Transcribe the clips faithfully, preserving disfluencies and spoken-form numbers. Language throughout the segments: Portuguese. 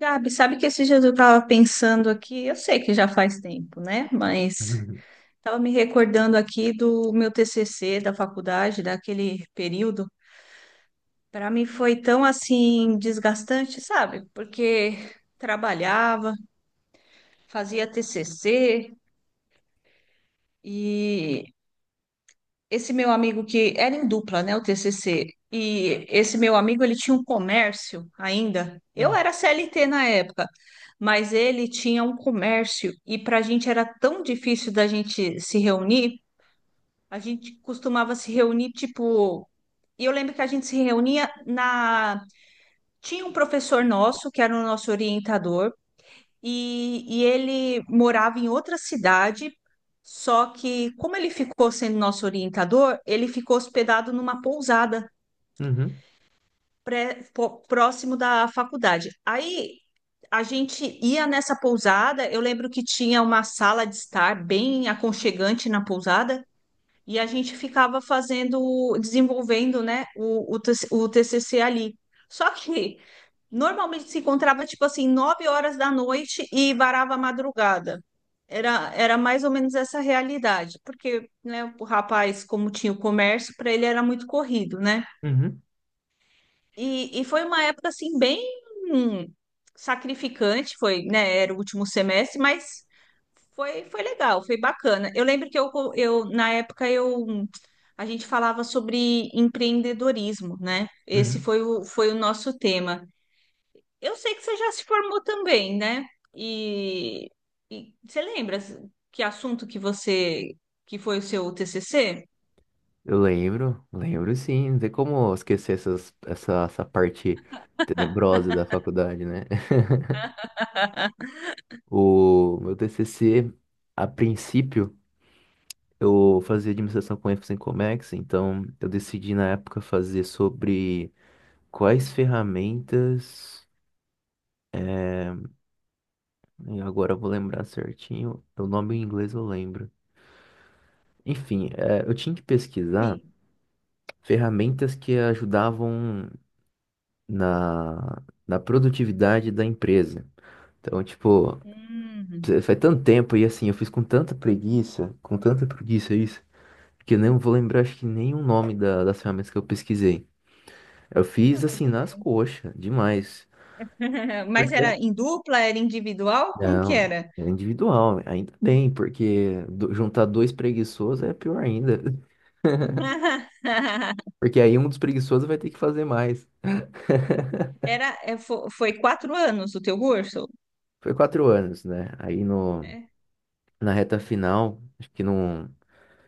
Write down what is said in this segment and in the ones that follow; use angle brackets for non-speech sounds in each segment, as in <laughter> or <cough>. Gabi, sabe que esse dias eu estava pensando aqui, eu sei que já faz tempo, né? Mas Uhum, estava me recordando aqui do meu T C C da faculdade, daquele período. Para mim foi tão assim desgastante, sabe? Porque trabalhava, fazia T C C esse meu amigo que era em dupla, né, o T C C, e esse meu amigo ele tinha um comércio ainda. Eu era C L T na época, mas ele tinha um comércio e para a gente era tão difícil da gente se reunir. A gente costumava se reunir tipo e eu lembro que a gente se reunia na. Tinha um professor nosso, que era o nosso orientador, e, e ele morava em outra cidade, só que como ele ficou sendo nosso orientador, ele ficou hospedado numa pousada uhum, pré- po- próximo da faculdade. Aí a gente ia nessa pousada, eu lembro que tinha uma sala de estar bem aconchegante na pousada. E a gente ficava fazendo, desenvolvendo, né, o, o TC o T C C ali. Só que normalmente se encontrava tipo assim, nove horas da noite e varava a madrugada. Era, era mais ou menos essa realidade, porque né, o rapaz, como tinha o comércio, para ele era muito corrido, né? uhum, E, e foi uma época assim bem hum, sacrificante, foi, né? Era o último semestre, mas foi, foi legal, foi bacana. Eu lembro que eu, eu na época eu a gente falava sobre empreendedorismo, né? Esse uhum. foi o, foi o nosso tema. Eu sei que você já se formou também, né? E, e você lembra que assunto que você que foi o seu T C C? Eu lembro, lembro sim. Não tem como esquecer essas, essa, essa parte tenebrosa da faculdade, né? <laughs> O meu T C C, a princípio, eu fazia administração com ênfase em Comex, então eu decidi na época fazer sobre quais ferramentas. E Agora eu vou lembrar certinho, o nome em inglês eu lembro. Enfim, eh, eu tinha que pesquisar Sim. ferramentas que ajudavam. na, na produtividade da empresa. Então, tipo, Hum, faz tanto tempo e assim, eu fiz com tanta preguiça, com tanta preguiça isso, que eu não vou lembrar acho que nem o nome da- das ferramentas que eu pesquisei. Eu fiz não, assim tudo nas bem. coxas, demais. <laughs> Por Mas quê? era em dupla, era individual? Como que Não, é era? individual, ainda bem, porque do- juntar dois preguiçosos é pior ainda. <laughs> <laughs> Porque aí um dos preguiçosos vai ter que fazer mais. <laughs> Era, é, fo- foi quatro anos o teu curso? Foi quatro anos, né? Aí no, É, na reta final, acho que não.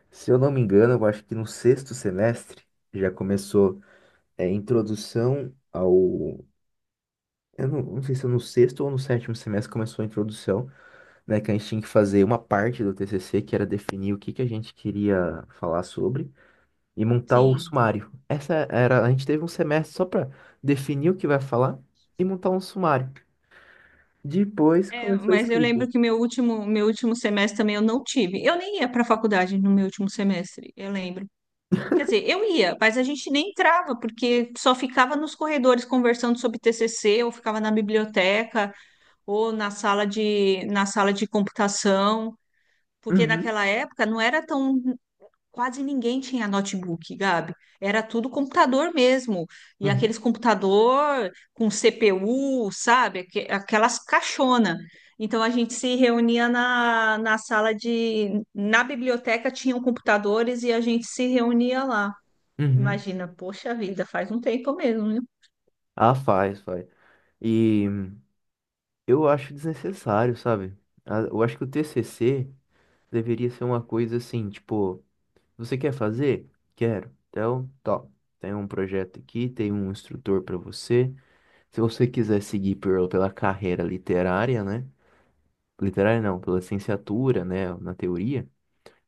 Se eu não me engano, eu acho que no sexto semestre já começou é, introdução ao. Eu não, não sei se é no sexto ou no sétimo semestre começou a introdução, né? Que a gente tinha que fazer uma parte do T C C, que era definir o que que a gente queria falar sobre e montar o sim. sumário. Essa era, a gente teve um semestre só para definir o que vai falar e montar um sumário. Depois É, começou a mas eu escrita. lembro que meu último, meu último semestre também eu não tive. Eu nem ia para a faculdade no meu último semestre, eu lembro. Quer dizer, eu ia, mas a gente nem entrava, porque só ficava nos corredores conversando sobre T C C, ou ficava na biblioteca, ou na sala de, na sala de computação, porque Uhum, naquela época não era tão. Quase ninguém tinha notebook, Gabi. Era tudo computador mesmo. E uhum, aqueles computador com C P U, sabe? Aque- Aquelas caixona. Então a gente se reunia na, na sala de. Na biblioteca tinham computadores e a gente se reunia lá. uhum. Imagina, poxa vida, faz um tempo mesmo, né? Ah, faz, faz. E eu acho desnecessário, sabe? A- Eu acho que o T C C deveria ser uma coisa assim, tipo, você quer fazer? Quero. Então, top. Tem um projeto aqui, tem um instrutor para você. Se você quiser seguir por- pela carreira literária, né? Literária não, pela licenciatura, né, na teoria,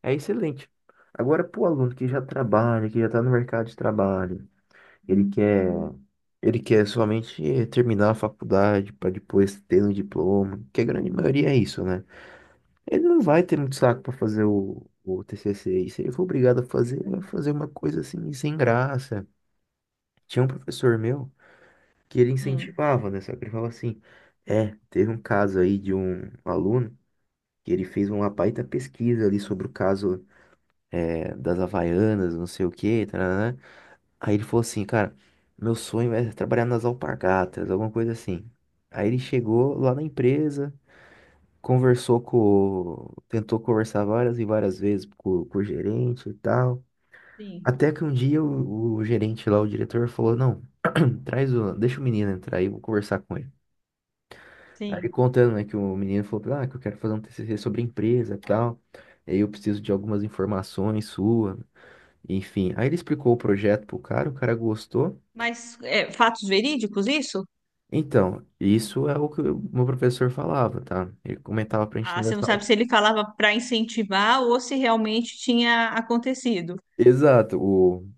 é excelente. Agora, pro aluno que já trabalha, que já tá no mercado de trabalho, ele quer, ele quer somente terminar a faculdade para depois ter um diploma, que a grande maioria é isso, né? Ele não vai ter muito saco para fazer o, o T C C. E se ele for obrigado a fazer, ele vai fazer uma coisa assim, sem graça. Tinha um professor meu que ele Hum, incentivava, né? Só que ele falava assim: é, teve um caso aí de um aluno que ele fez uma baita pesquisa ali sobre o caso é, das Havaianas, não sei o quê, tarará. Aí ele falou assim: cara, meu sonho é trabalhar nas alpargatas, alguma coisa assim. Aí ele chegou lá na empresa. Conversou com. Tentou conversar várias e várias vezes com, com o gerente e tal. sim, Até que um dia o, o gerente lá, o diretor, falou: não, <clears throat> traz o. Deixa o menino entrar aí, eu vou conversar com ele. Aí ele sim. contando, né, que o menino falou: pra ele, ah, que eu quero fazer um T C C sobre a empresa e tal. E aí eu preciso de algumas informações sua. Enfim. Aí ele explicou o projeto pro cara, o cara gostou. Mas é, fatos verídicos, isso? Então, isso é o que o meu professor falava, tá? Ele comentava pra gente Ah, dentro você não da sala. sabe se ele falava para incentivar ou se realmente tinha acontecido. Exato, o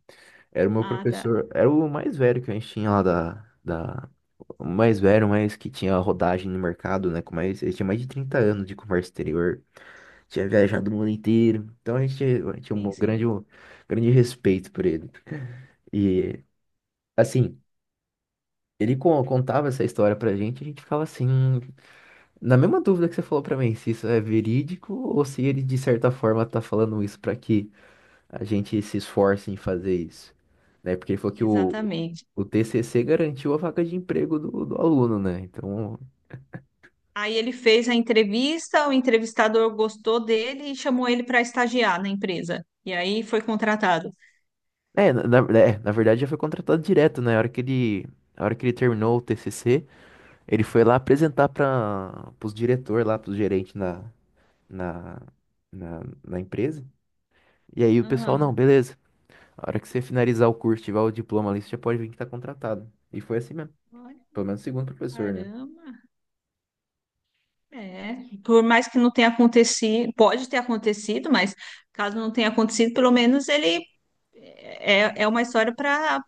era o meu Ah, tá. professor, era o mais velho que a gente tinha lá da, da... O mais velho, mas que tinha rodagem no mercado, né? Com mais, ele tinha mais de trinta anos de comércio exterior, tinha viajado o mundo inteiro. Então a gente tinha tinha Sim, um sim. grande, um grande respeito por ele. E, assim, ele co- contava essa história pra gente, a gente ficava assim, na mesma dúvida que você falou pra mim, se isso é verídico ou se ele, de certa forma, tá falando isso pra que a gente se esforça em fazer isso, né? Porque ele falou que o, Exatamente. o T C C garantiu a vaga de emprego do, do aluno, né? Então, Aí ele fez a entrevista, o entrevistador gostou dele e chamou ele para estagiar na empresa. E aí foi contratado. é, na, na- é, na verdade já foi contratado direto, né? A hora que ele, a hora que ele terminou o T C C, ele foi lá apresentar para os diretores lá, para os gerentes na, na, na, na empresa. E aí o pessoal, não, Ah, beleza. A hora que você finalizar o curso, tiver o diploma ali, você já pode vir que tá contratado. E foi assim mesmo. olha, Pelo menos segundo o professor, né? caramba. É, por mais que não tenha acontecido, pode ter acontecido, mas caso não tenha acontecido, pelo menos ele é, é uma história para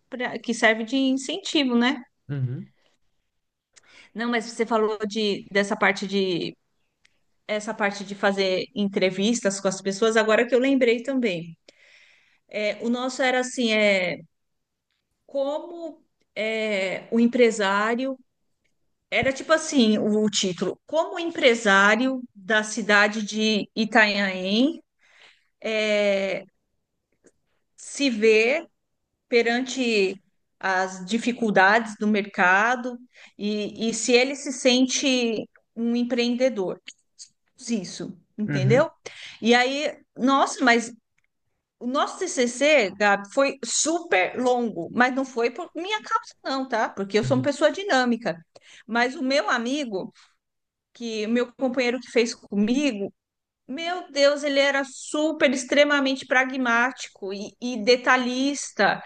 que serve de incentivo, né? Uhum. Não, mas você falou de, dessa parte de essa parte de fazer entrevistas com as pessoas, agora que eu lembrei também. É, o nosso era assim, é como é, o empresário era tipo assim, o, o título, como o empresário da cidade de Itanhaém é, se ver perante as dificuldades do mercado e, e se ele se sente um empreendedor. Isso, Uhum, entendeu? E aí, nossa, mas o nosso T C C, Gabi, foi super longo, mas não foi por minha causa, não, tá? Porque eu sou uma uhum. pessoa dinâmica. Mas o meu amigo, que o meu companheiro que fez comigo, meu Deus, ele era super, extremamente pragmático e, e detalhista.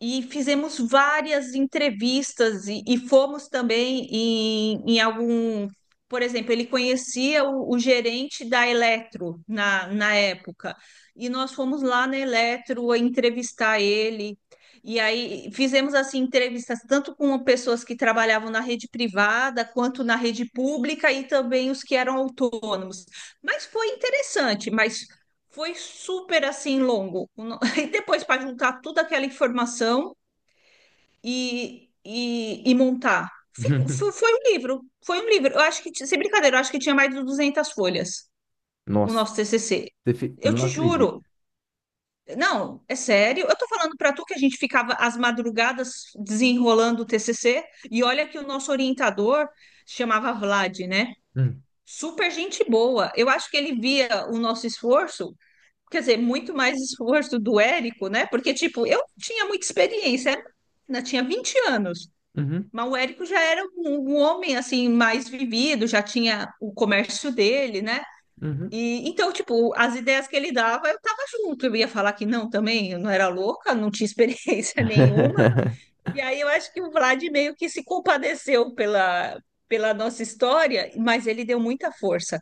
E fizemos várias entrevistas e, e fomos também em, em algum. Por exemplo, ele conhecia o, o gerente da Eletro na, na época, e nós fomos lá na Eletro entrevistar ele. E aí fizemos assim entrevistas tanto com pessoas que trabalhavam na rede privada quanto na rede pública e também os que eram autônomos. Mas foi interessante, mas foi super assim longo. E depois para juntar toda aquela informação e, e, e montar. Ficou- fo- foi um livro, foi um livro. Eu acho que, ti- sem brincadeira, eu acho que tinha mais de duzentas folhas <laughs> o Nossa, nosso T C C. Defi- Eu não te acredito. juro. Não, é sério. Eu tô falando para tu que a gente ficava às madrugadas desenrolando o T C C e olha que o nosso orientador se chamava Vlad, né? Hum, Super gente boa. Eu acho que ele via o nosso esforço, quer dizer, muito mais esforço do Érico, né? Porque, tipo, eu tinha muita experiência, né? Tinha vinte anos, uhum, mas o Érico já era um, um homem, assim, mais vivido, já tinha o comércio dele, né? uhum. E, então, tipo, as ideias que ele dava, eu tava junto. Eu ia falar que não também, eu não era louca, não tinha experiência <laughs> nenhuma. <laughs> E aí eu acho que o Vlad meio que se compadeceu pela, pela nossa história, mas ele deu muita força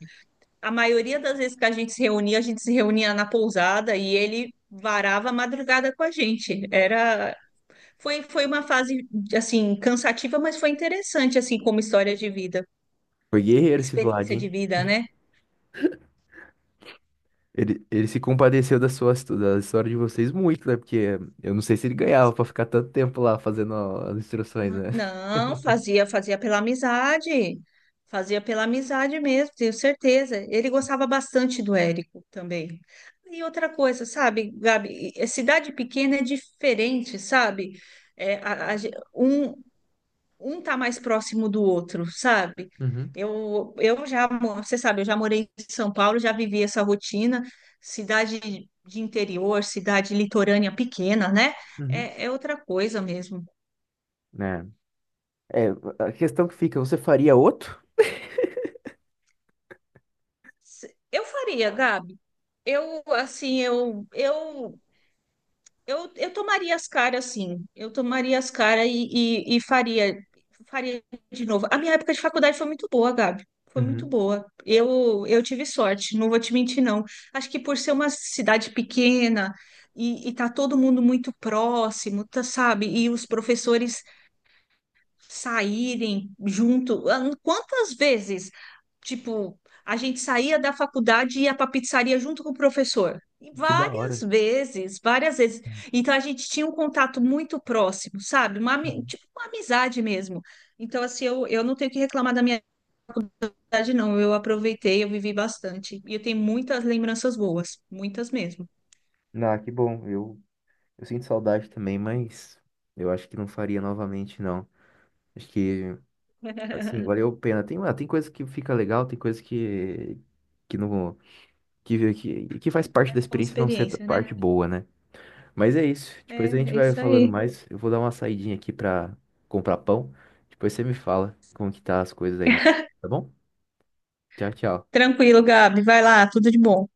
a maioria das vezes que a gente se reunia, a gente se reunia na pousada e ele varava a madrugada com a gente. Era foi foi uma fase assim cansativa, mas foi interessante assim como história de vida, Foi guerreiro esse Vlad, experiência de hein? vida, né? Ele, ele se compadeceu da sua, histó- da história de vocês muito, né? Porque eu não sei se ele ganhava pra ficar tanto tempo lá fazendo as instruções, né? Não, fazia fazia pela amizade. Fazia pela amizade mesmo, tenho certeza. Ele gostava bastante do Érico também. E outra coisa, sabe, Gabi, é, cidade pequena é diferente, sabe? É, a- a ge- um, um tá mais próximo do outro, sabe? Uhum, Eu, eu já, mo- você sabe, eu já morei em São Paulo, já vivi essa rotina, cidade de interior, cidade litorânea pequena, né? uhum. É, é outra coisa mesmo. Né? É, a questão que fica, você faria outro? Se- Eu faria, Gabi. Eu, assim, eu, eu Eu, eu tomaria as caras, sim. Eu tomaria as caras e, e, e faria, faria de novo. A minha época de faculdade foi muito boa, Gabi. Foi muito Uhum. boa. Eu, eu tive sorte, não vou te mentir, não. Acho que por ser uma cidade pequena e, e tá todo mundo muito próximo, tá, sabe? E os professores saírem junto. Ah, Quantas vezes tipo, a gente saía da faculdade e ia para pizzaria junto com o professor. E Que da várias hora. vezes, várias vezes. Então a gente tinha um contato muito próximo, sabe? Uma, ami- Uhum. tipo uma amizade mesmo. Então, assim, eu, eu não tenho que reclamar da minha idade, não. Eu aproveitei, eu vivi bastante. E eu tenho muitas lembranças boas, muitas mesmo. Ah, que bom. Eu, eu sinto saudade também, mas eu acho que não faria novamente, não. Acho que assim, <laughs> valeu a pena. Tem, ah, tem coisa que fica legal, tem coisa que, que não, que, que, que Que faz parte da serve como experiência não ser experiência, né? parte boa, né? Mas é isso. É, Depois a gente é vai isso falando aí. mais. Eu vou dar uma saidinha aqui pra comprar pão. Depois você me fala como que tá as coisas aí, no- tá bom? Tchau, tchau. Tranquilo, Gabi. Vai lá, tudo de bom.